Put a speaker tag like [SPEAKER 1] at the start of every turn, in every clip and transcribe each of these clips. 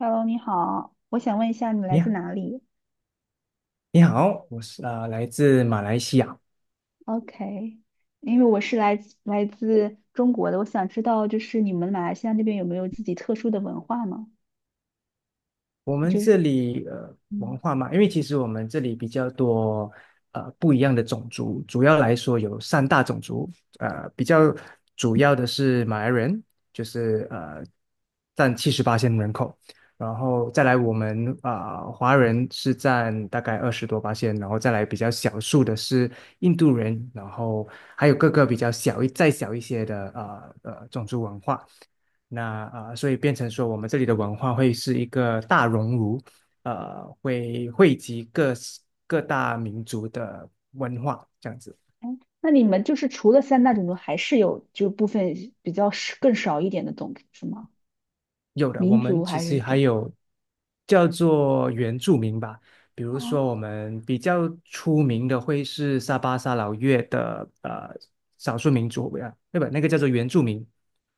[SPEAKER 1] Hello，你好，我想问一下你来
[SPEAKER 2] 你
[SPEAKER 1] 自
[SPEAKER 2] 好，
[SPEAKER 1] 哪里
[SPEAKER 2] 你好，我是来自马来西亚。
[SPEAKER 1] ？OK，因为我是来自中国的，我想知道就是你们马来西亚那边有没有自己特殊的文化吗？
[SPEAKER 2] 我们
[SPEAKER 1] 就
[SPEAKER 2] 这
[SPEAKER 1] 是，
[SPEAKER 2] 里文
[SPEAKER 1] 嗯，
[SPEAKER 2] 化嘛，因为其实我们这里比较多不一样的种族，主要来说有三大种族，比较主要的是马来人，就是占78线人口，然后再来我们华人是占大概20多八线，然后再来比较少数的是印度人，然后还有各个比较小一再小一些的种族文化。那所以变成说，我们这里的文化会是一个大熔炉，会汇集各大民族的文化这样子。
[SPEAKER 1] 哎，那你们就是除了三大种族，还是有就部分比较少更少一点的种族是吗？
[SPEAKER 2] 有的，我
[SPEAKER 1] 民
[SPEAKER 2] 们
[SPEAKER 1] 族
[SPEAKER 2] 其
[SPEAKER 1] 还是
[SPEAKER 2] 实还
[SPEAKER 1] 种？
[SPEAKER 2] 有叫做原住民吧，比如说
[SPEAKER 1] 哦
[SPEAKER 2] 我们比较出名的会是沙巴沙劳越的少数民族，对吧？那个叫做原住民。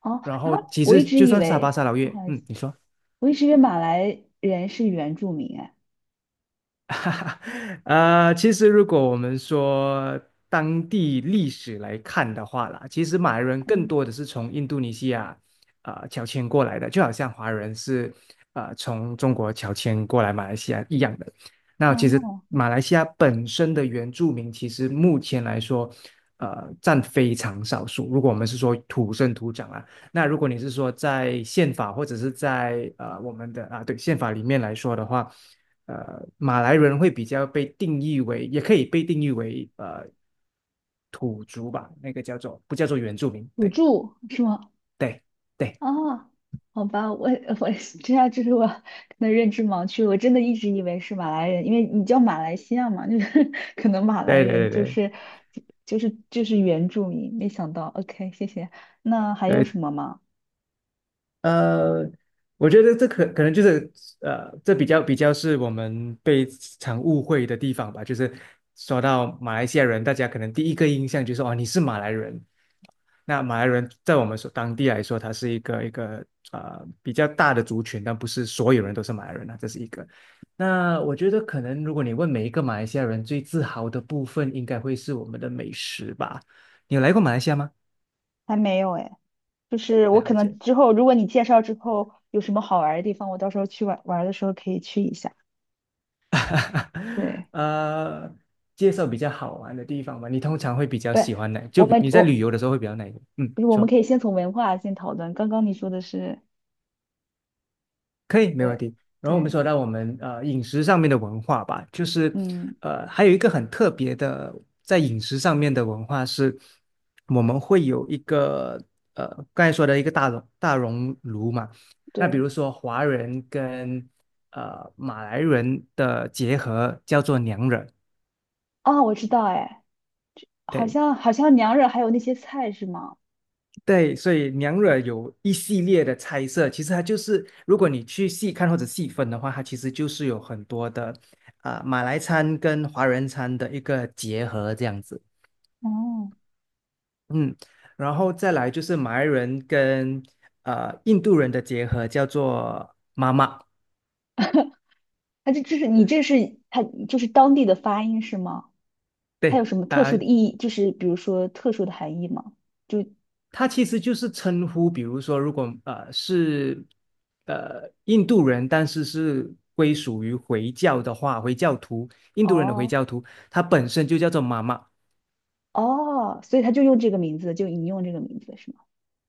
[SPEAKER 1] 哦
[SPEAKER 2] 然
[SPEAKER 1] 啊，
[SPEAKER 2] 后其
[SPEAKER 1] 我一
[SPEAKER 2] 实
[SPEAKER 1] 直
[SPEAKER 2] 就
[SPEAKER 1] 以
[SPEAKER 2] 算沙巴
[SPEAKER 1] 为，
[SPEAKER 2] 沙劳
[SPEAKER 1] 不
[SPEAKER 2] 越，
[SPEAKER 1] 好意思，
[SPEAKER 2] 嗯，你说。
[SPEAKER 1] 我一直以为马来人是原住民哎，
[SPEAKER 2] 其实如果我们说当地历史来看的话啦，其实马来人更
[SPEAKER 1] 嗯
[SPEAKER 2] 多的是从印度尼西亚乔迁过来的，就好像华人是从中国乔迁过来马来西亚一样的。那其实
[SPEAKER 1] 哦，
[SPEAKER 2] 马来西亚本身的原住民，其实目前来说，占非常少数。如果我们是说土生土长啊，那如果你是说在宪法或者是在我们的对宪法里面来说的话。马来人会比较被定义为，也可以被定义为土族吧，那个叫做不叫做原住民？
[SPEAKER 1] 土
[SPEAKER 2] 对
[SPEAKER 1] 著是吗？
[SPEAKER 2] 对对
[SPEAKER 1] 哦，好吧，我是这样，就是我可能认知盲区，我真的一直以为是马来人，因为你叫马来西亚嘛，就是 可能马来
[SPEAKER 2] 对
[SPEAKER 1] 人
[SPEAKER 2] 对对
[SPEAKER 1] 就
[SPEAKER 2] 对
[SPEAKER 1] 是就是就是原住民，没想到，OK，谢谢。那还有
[SPEAKER 2] 对，
[SPEAKER 1] 什么吗？
[SPEAKER 2] 呃，我觉得这可能就是这比较是我们被常误会的地方吧。就是说到马来西亚人，大家可能第一个印象就是哦，你是马来人。那马来人在我们所当地来说，他是一个比较大的族群，但不是所有人都是马来人啊，这是一个。那我觉得可能如果你问每一个马来西亚人最自豪的部分，应该会是我们的美食吧。你有来过马来西亚吗？
[SPEAKER 1] 还没有哎，就是我可
[SPEAKER 2] 了解。
[SPEAKER 1] 能之后如果你介绍之后有什么好玩儿的地方，我到时候去玩玩儿的时候可以去一下。对，
[SPEAKER 2] 呃，介绍比较好玩的地方吧。你通常会比较
[SPEAKER 1] 不是
[SPEAKER 2] 喜欢哪？就
[SPEAKER 1] 我
[SPEAKER 2] 比
[SPEAKER 1] 们
[SPEAKER 2] 你在旅
[SPEAKER 1] 我
[SPEAKER 2] 游的时候会比较哪一个？嗯，
[SPEAKER 1] 不是我们
[SPEAKER 2] 说
[SPEAKER 1] 可以先从文化先讨论，刚刚你说的是
[SPEAKER 2] 可以，没问
[SPEAKER 1] 对
[SPEAKER 2] 题。然后我们
[SPEAKER 1] 对，
[SPEAKER 2] 说到我们饮食上面的文化吧，就是
[SPEAKER 1] 嗯。
[SPEAKER 2] 还有一个很特别的在饮食上面的文化是，我们会有一个呃刚才说的一个大熔炉嘛。那比
[SPEAKER 1] 对。
[SPEAKER 2] 如说华人跟马来人的结合叫做娘惹。
[SPEAKER 1] 哦，我知道，哎，好
[SPEAKER 2] 对，
[SPEAKER 1] 像好像娘惹还有那些菜是吗？
[SPEAKER 2] 对，所以娘惹有一系列的猜测，其实它就是，如果你去细看或者细分的话，它其实就是有很多的马来餐跟华人餐的一个结合这样子，
[SPEAKER 1] 哦，
[SPEAKER 2] 嗯，然后再来就是马来人跟印度人的结合，叫做妈妈，
[SPEAKER 1] 它这是你这是它就是当地的发音是吗？它有
[SPEAKER 2] 对
[SPEAKER 1] 什么特
[SPEAKER 2] 啊、
[SPEAKER 1] 殊的意义？就是比如说特殊的含义吗？就
[SPEAKER 2] 它其实就是称呼，比如说，如果是印度人，但是是归属于回教的话，回教徒，印度人的回
[SPEAKER 1] 哦
[SPEAKER 2] 教徒，他本身就叫做妈妈。
[SPEAKER 1] 哦，所以他就用这个名字，就引用这个名字是吗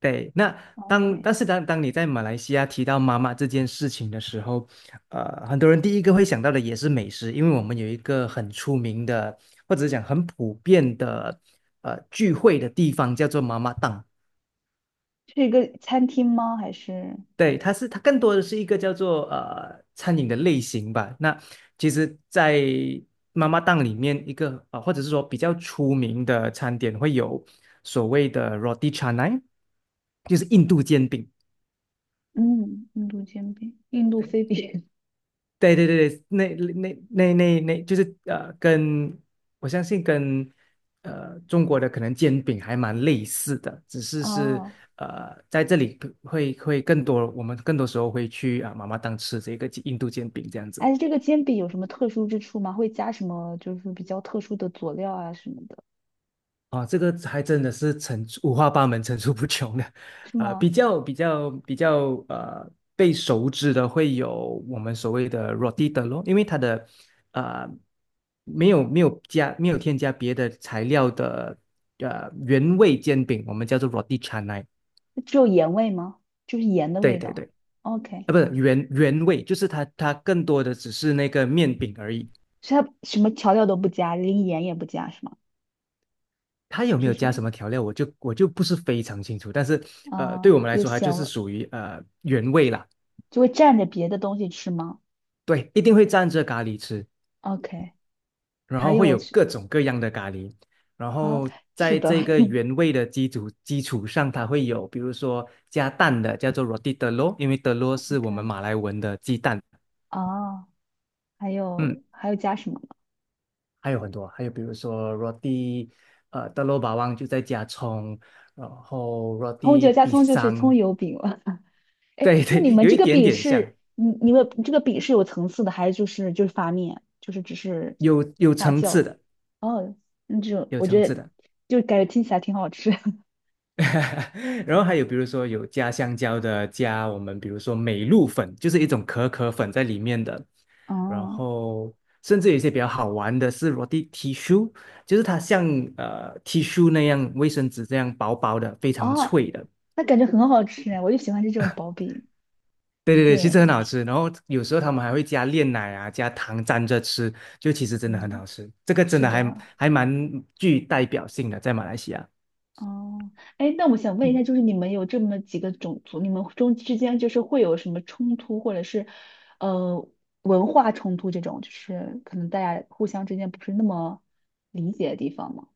[SPEAKER 2] 对，那
[SPEAKER 1] 哦
[SPEAKER 2] 当
[SPEAKER 1] ？OK，
[SPEAKER 2] 但是当当你在马来西亚提到妈妈这件事情的时候，很多人第一个会想到的也是美食，因为我们有一个很出名的，或者是讲很普遍的聚会的地方叫做妈妈档。
[SPEAKER 1] 是一个餐厅吗？还是
[SPEAKER 2] 对，它更多的是一个叫做餐饮的类型吧。那其实，在妈妈档里面，一个啊、呃或者是说比较出名的餐点会有所谓的 roti canai，就是印度煎饼。
[SPEAKER 1] 嗯，印度煎饼，印度
[SPEAKER 2] 对。
[SPEAKER 1] 飞饼？
[SPEAKER 2] 对对对对，那，就是我相信跟中国的可能煎饼还蛮类似的，只 是是
[SPEAKER 1] 哦，
[SPEAKER 2] 在这里会更多，我们更多时候会去妈妈档吃这个印度煎饼这样子。
[SPEAKER 1] 哎，这个煎饼有什么特殊之处吗？会加什么就是比较特殊的佐料啊什么的，
[SPEAKER 2] 这个还真的是层出五花八门、层出不穷的，
[SPEAKER 1] 是吗？
[SPEAKER 2] 比较被熟知的会有我们所谓的 rotita 咯，因为它的呃没有添加别的材料的原味煎饼，我们叫做 roti c a n a
[SPEAKER 1] 只有盐味吗？就是盐的
[SPEAKER 2] 对
[SPEAKER 1] 味
[SPEAKER 2] 对对，
[SPEAKER 1] 道。OK，
[SPEAKER 2] 不是原味，就是它更多的只是那个面饼而已。
[SPEAKER 1] 所以它什么调料都不加，连盐也不加是吗？
[SPEAKER 2] 它有没
[SPEAKER 1] 就
[SPEAKER 2] 有
[SPEAKER 1] 是
[SPEAKER 2] 加什么调料，我就不是非常清楚，但是对
[SPEAKER 1] 啊、
[SPEAKER 2] 我们来
[SPEAKER 1] 有
[SPEAKER 2] 说，它就
[SPEAKER 1] 咸味
[SPEAKER 2] 是
[SPEAKER 1] 儿，
[SPEAKER 2] 属于原味啦。
[SPEAKER 1] 就会蘸着别的东西吃吗
[SPEAKER 2] 对，一定会蘸着咖喱吃，
[SPEAKER 1] ？OK，
[SPEAKER 2] 然
[SPEAKER 1] 还
[SPEAKER 2] 后会
[SPEAKER 1] 有
[SPEAKER 2] 有
[SPEAKER 1] 是
[SPEAKER 2] 各种各样的咖喱，然
[SPEAKER 1] 啊，
[SPEAKER 2] 后
[SPEAKER 1] 是
[SPEAKER 2] 在
[SPEAKER 1] 的
[SPEAKER 2] 这个原味的基础上，它会有比如说加蛋的，叫做 roti d e l u r 因为 d e l u r 是
[SPEAKER 1] ，OK
[SPEAKER 2] 我们马来文的鸡蛋，
[SPEAKER 1] 啊，还
[SPEAKER 2] 嗯，
[SPEAKER 1] 有还有加什么呢？
[SPEAKER 2] 还有很多，还有比如说 roti t e l u bawang 就在加葱，然后
[SPEAKER 1] 葱就
[SPEAKER 2] roti
[SPEAKER 1] 加葱就是葱
[SPEAKER 2] pisang，
[SPEAKER 1] 油饼了。哎，
[SPEAKER 2] 对
[SPEAKER 1] 那你
[SPEAKER 2] 对，
[SPEAKER 1] 们
[SPEAKER 2] 有
[SPEAKER 1] 这
[SPEAKER 2] 一
[SPEAKER 1] 个
[SPEAKER 2] 点
[SPEAKER 1] 饼
[SPEAKER 2] 点像，
[SPEAKER 1] 是有层次的，还是就是发面，就是只是
[SPEAKER 2] 有
[SPEAKER 1] 发
[SPEAKER 2] 层
[SPEAKER 1] 酵
[SPEAKER 2] 次
[SPEAKER 1] 的？
[SPEAKER 2] 的，
[SPEAKER 1] 哦，那这种
[SPEAKER 2] 有
[SPEAKER 1] 我
[SPEAKER 2] 层
[SPEAKER 1] 觉
[SPEAKER 2] 次
[SPEAKER 1] 得
[SPEAKER 2] 的。
[SPEAKER 1] 就感觉听起来挺好吃。
[SPEAKER 2] 然后还有比如说有加香蕉的，加我们比如说美露粉，就是一种可可粉在里面的。然
[SPEAKER 1] 哦
[SPEAKER 2] 后甚至有一些比较好玩的是 roti tissue，就是它像tissue 那样卫生纸这样薄薄的，非常
[SPEAKER 1] 哦，
[SPEAKER 2] 脆的。
[SPEAKER 1] 那感觉很好吃哎，我就喜欢吃这种薄饼。
[SPEAKER 2] 对对对，
[SPEAKER 1] 对，
[SPEAKER 2] 其实很好吃。然后有时候他们还会加炼奶啊，加糖沾着吃，就其实真的很
[SPEAKER 1] 嗯，
[SPEAKER 2] 好吃。这个真
[SPEAKER 1] 是
[SPEAKER 2] 的还
[SPEAKER 1] 的。
[SPEAKER 2] 还蛮具代表性的，在马来西亚。
[SPEAKER 1] 哦，哎，那我想问一下，就是你们有这么几个种族，你们中之间就是会有什么冲突，或者是呃文化冲突这种，就是可能大家互相之间不是那么理解的地方吗？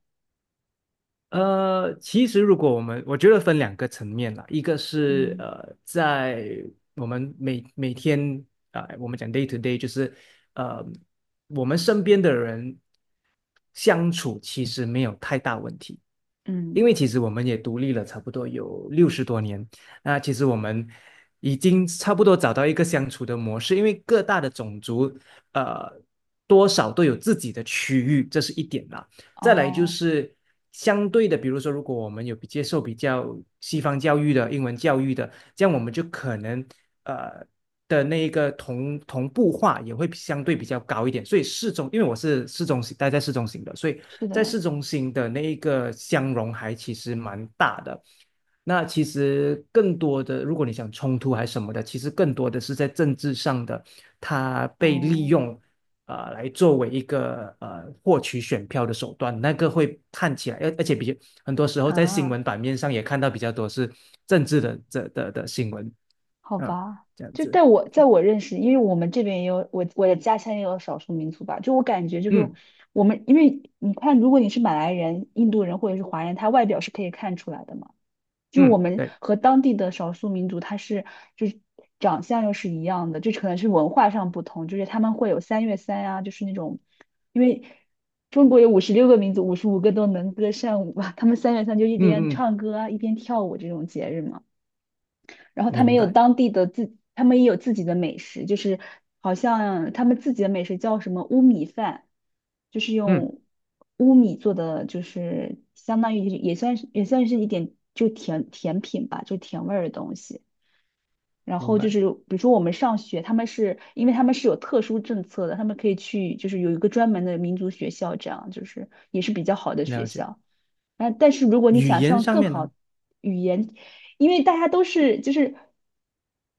[SPEAKER 2] 其实如果我们，我觉得分两个层面啦，一个是
[SPEAKER 1] 嗯
[SPEAKER 2] 在我们每天我们讲 day to day，就是呃，我们身边的人相处其实没有太大问题，因
[SPEAKER 1] 嗯，
[SPEAKER 2] 为其实我们也独立了差不多有60多年，那其实我们已经差不多找到一个相处的模式，因为各大的种族呃多少都有自己的区域，这是一点啦。再来就
[SPEAKER 1] 哦，
[SPEAKER 2] 是相对的，比如说，如果我们有比接受比较西方教育的英文教育的，这样我们就可能呃的那一个同步化也会相对比较高一点。所以因为我是市中心，待在市中心的，所以
[SPEAKER 1] 是
[SPEAKER 2] 在
[SPEAKER 1] 的，
[SPEAKER 2] 市中心的那一个相容还其实蛮大的。那其实更多的，如果你想冲突还是什么的，其实更多的是在政治上的，它被利
[SPEAKER 1] 哦
[SPEAKER 2] 用啊，来作为一个获取选票的手段，那个会看起来，而且比较很多时候在新
[SPEAKER 1] 啊，
[SPEAKER 2] 闻版面上也看到比较多是政治的这的的新闻
[SPEAKER 1] 好
[SPEAKER 2] 啊，
[SPEAKER 1] 吧，
[SPEAKER 2] 这样
[SPEAKER 1] 就
[SPEAKER 2] 子，
[SPEAKER 1] 在我认识，因为我们这边也有我的家乡也有少数民族吧，就我感觉就是
[SPEAKER 2] 嗯
[SPEAKER 1] 我们，因为你看，如果你是马来人、印度人或者是华人，他外表是可以看出来的嘛，就是我
[SPEAKER 2] 嗯，
[SPEAKER 1] 们
[SPEAKER 2] 对，
[SPEAKER 1] 和当地的少数民族，他是就是长相又是一样的，就可能是文化上不同，就是他们会有三月三啊，就是那种，因为中国有56个民族，55个都能歌善舞吧，他们三月三就一边
[SPEAKER 2] 嗯嗯，
[SPEAKER 1] 唱歌啊，一边跳舞这种节日嘛。然后他们
[SPEAKER 2] 明
[SPEAKER 1] 也有
[SPEAKER 2] 白，
[SPEAKER 1] 当地的自，他们也有自己的美食，就是好像他们自己的美食叫什么乌米饭，就是
[SPEAKER 2] 嗯
[SPEAKER 1] 用乌米做的，就是相当于也算是一点就甜品吧，就甜味儿的东西。然
[SPEAKER 2] 明
[SPEAKER 1] 后就
[SPEAKER 2] 白，
[SPEAKER 1] 是，比如说我们上学，他们是因为他们是有特殊政策的，他们可以去，就是有一个专门的民族学校，这样就是也是比较好的学
[SPEAKER 2] 了解。
[SPEAKER 1] 校。啊，但是如果你
[SPEAKER 2] 语
[SPEAKER 1] 想
[SPEAKER 2] 言
[SPEAKER 1] 上
[SPEAKER 2] 上
[SPEAKER 1] 更
[SPEAKER 2] 面呢，
[SPEAKER 1] 好语言，因为大家都是就是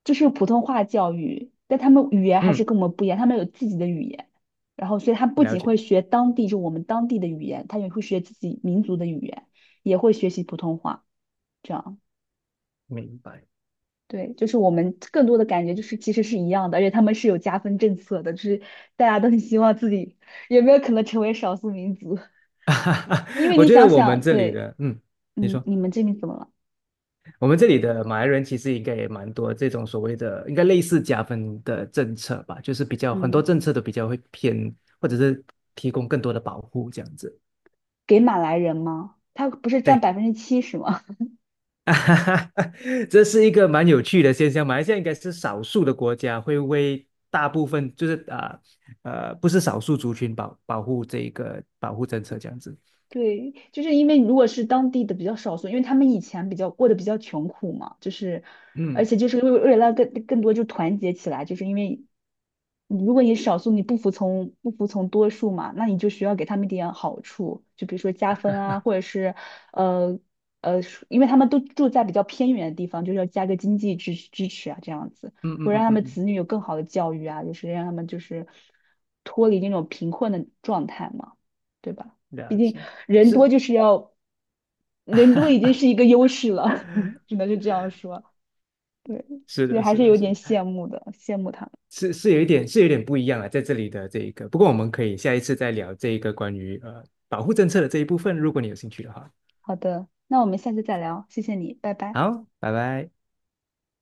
[SPEAKER 1] 就是普通话教育，但他们语言还是
[SPEAKER 2] 嗯，
[SPEAKER 1] 跟我们不一样，他们有自己的语言，然后所以他不
[SPEAKER 2] 了
[SPEAKER 1] 仅
[SPEAKER 2] 解，
[SPEAKER 1] 会学当地就我们当地的语言，他也会学自己民族的语言，也会学习普通话，这样。
[SPEAKER 2] 明白。
[SPEAKER 1] 对，就是我们更多的感觉就是其实是一样的，而且他们是有加分政策的，就是大家都很希望自己有没有可能成为少数民族，因 为
[SPEAKER 2] 我
[SPEAKER 1] 你
[SPEAKER 2] 觉得
[SPEAKER 1] 想
[SPEAKER 2] 我们
[SPEAKER 1] 想，
[SPEAKER 2] 这里
[SPEAKER 1] 对，
[SPEAKER 2] 的，嗯，你
[SPEAKER 1] 嗯，
[SPEAKER 2] 说。
[SPEAKER 1] 你们这边怎么了？
[SPEAKER 2] 我们这里的马来人其实应该也蛮多这种所谓的，应该类似加分的政策吧，就是比较很多
[SPEAKER 1] 嗯，
[SPEAKER 2] 政策都比较会偏，或者是提供更多的保护这样子。
[SPEAKER 1] 给马来人吗？他不是占
[SPEAKER 2] 对，
[SPEAKER 1] 70%吗？
[SPEAKER 2] 这是一个蛮有趣的现象。马来西亚应该是少数的国家会为大部分就是不是少数族群保护这一个保护政策这样子。
[SPEAKER 1] 对，就是因为如果是当地的比较少数，因为他们以前比较过得比较穷苦嘛，就是，而
[SPEAKER 2] 嗯
[SPEAKER 1] 且就是为了更多就团结起来，就是因为你如果你少数你不服从多数嘛，那你就需要给他们一点好处，就比如说加分啊，或者是呃呃，因为他们都住在比较偏远的地方，就是要加个经济支持啊，这样子，
[SPEAKER 2] 嗯
[SPEAKER 1] 会
[SPEAKER 2] 嗯
[SPEAKER 1] 让
[SPEAKER 2] 嗯
[SPEAKER 1] 他
[SPEAKER 2] 嗯
[SPEAKER 1] 们
[SPEAKER 2] 嗯，
[SPEAKER 1] 子女有更好的教育啊，就是让他们就是脱离那种贫困的状态嘛，对吧？毕
[SPEAKER 2] 了
[SPEAKER 1] 竟
[SPEAKER 2] 解，
[SPEAKER 1] 人
[SPEAKER 2] 是
[SPEAKER 1] 多就是要，人多已经 是一个优势了，只能是这样说。对，
[SPEAKER 2] 是
[SPEAKER 1] 所以
[SPEAKER 2] 的，
[SPEAKER 1] 还
[SPEAKER 2] 是
[SPEAKER 1] 是
[SPEAKER 2] 的，
[SPEAKER 1] 有
[SPEAKER 2] 是
[SPEAKER 1] 点
[SPEAKER 2] 的。
[SPEAKER 1] 羡慕的，羡慕他们。
[SPEAKER 2] 是有一点有点不一样啊，在这里的这一个，不过我们可以下一次再聊这一个关于保护政策的这一部分，如果你有兴趣的话。
[SPEAKER 1] 好的，那我们下次再聊，谢谢你，拜拜。
[SPEAKER 2] 好，拜拜。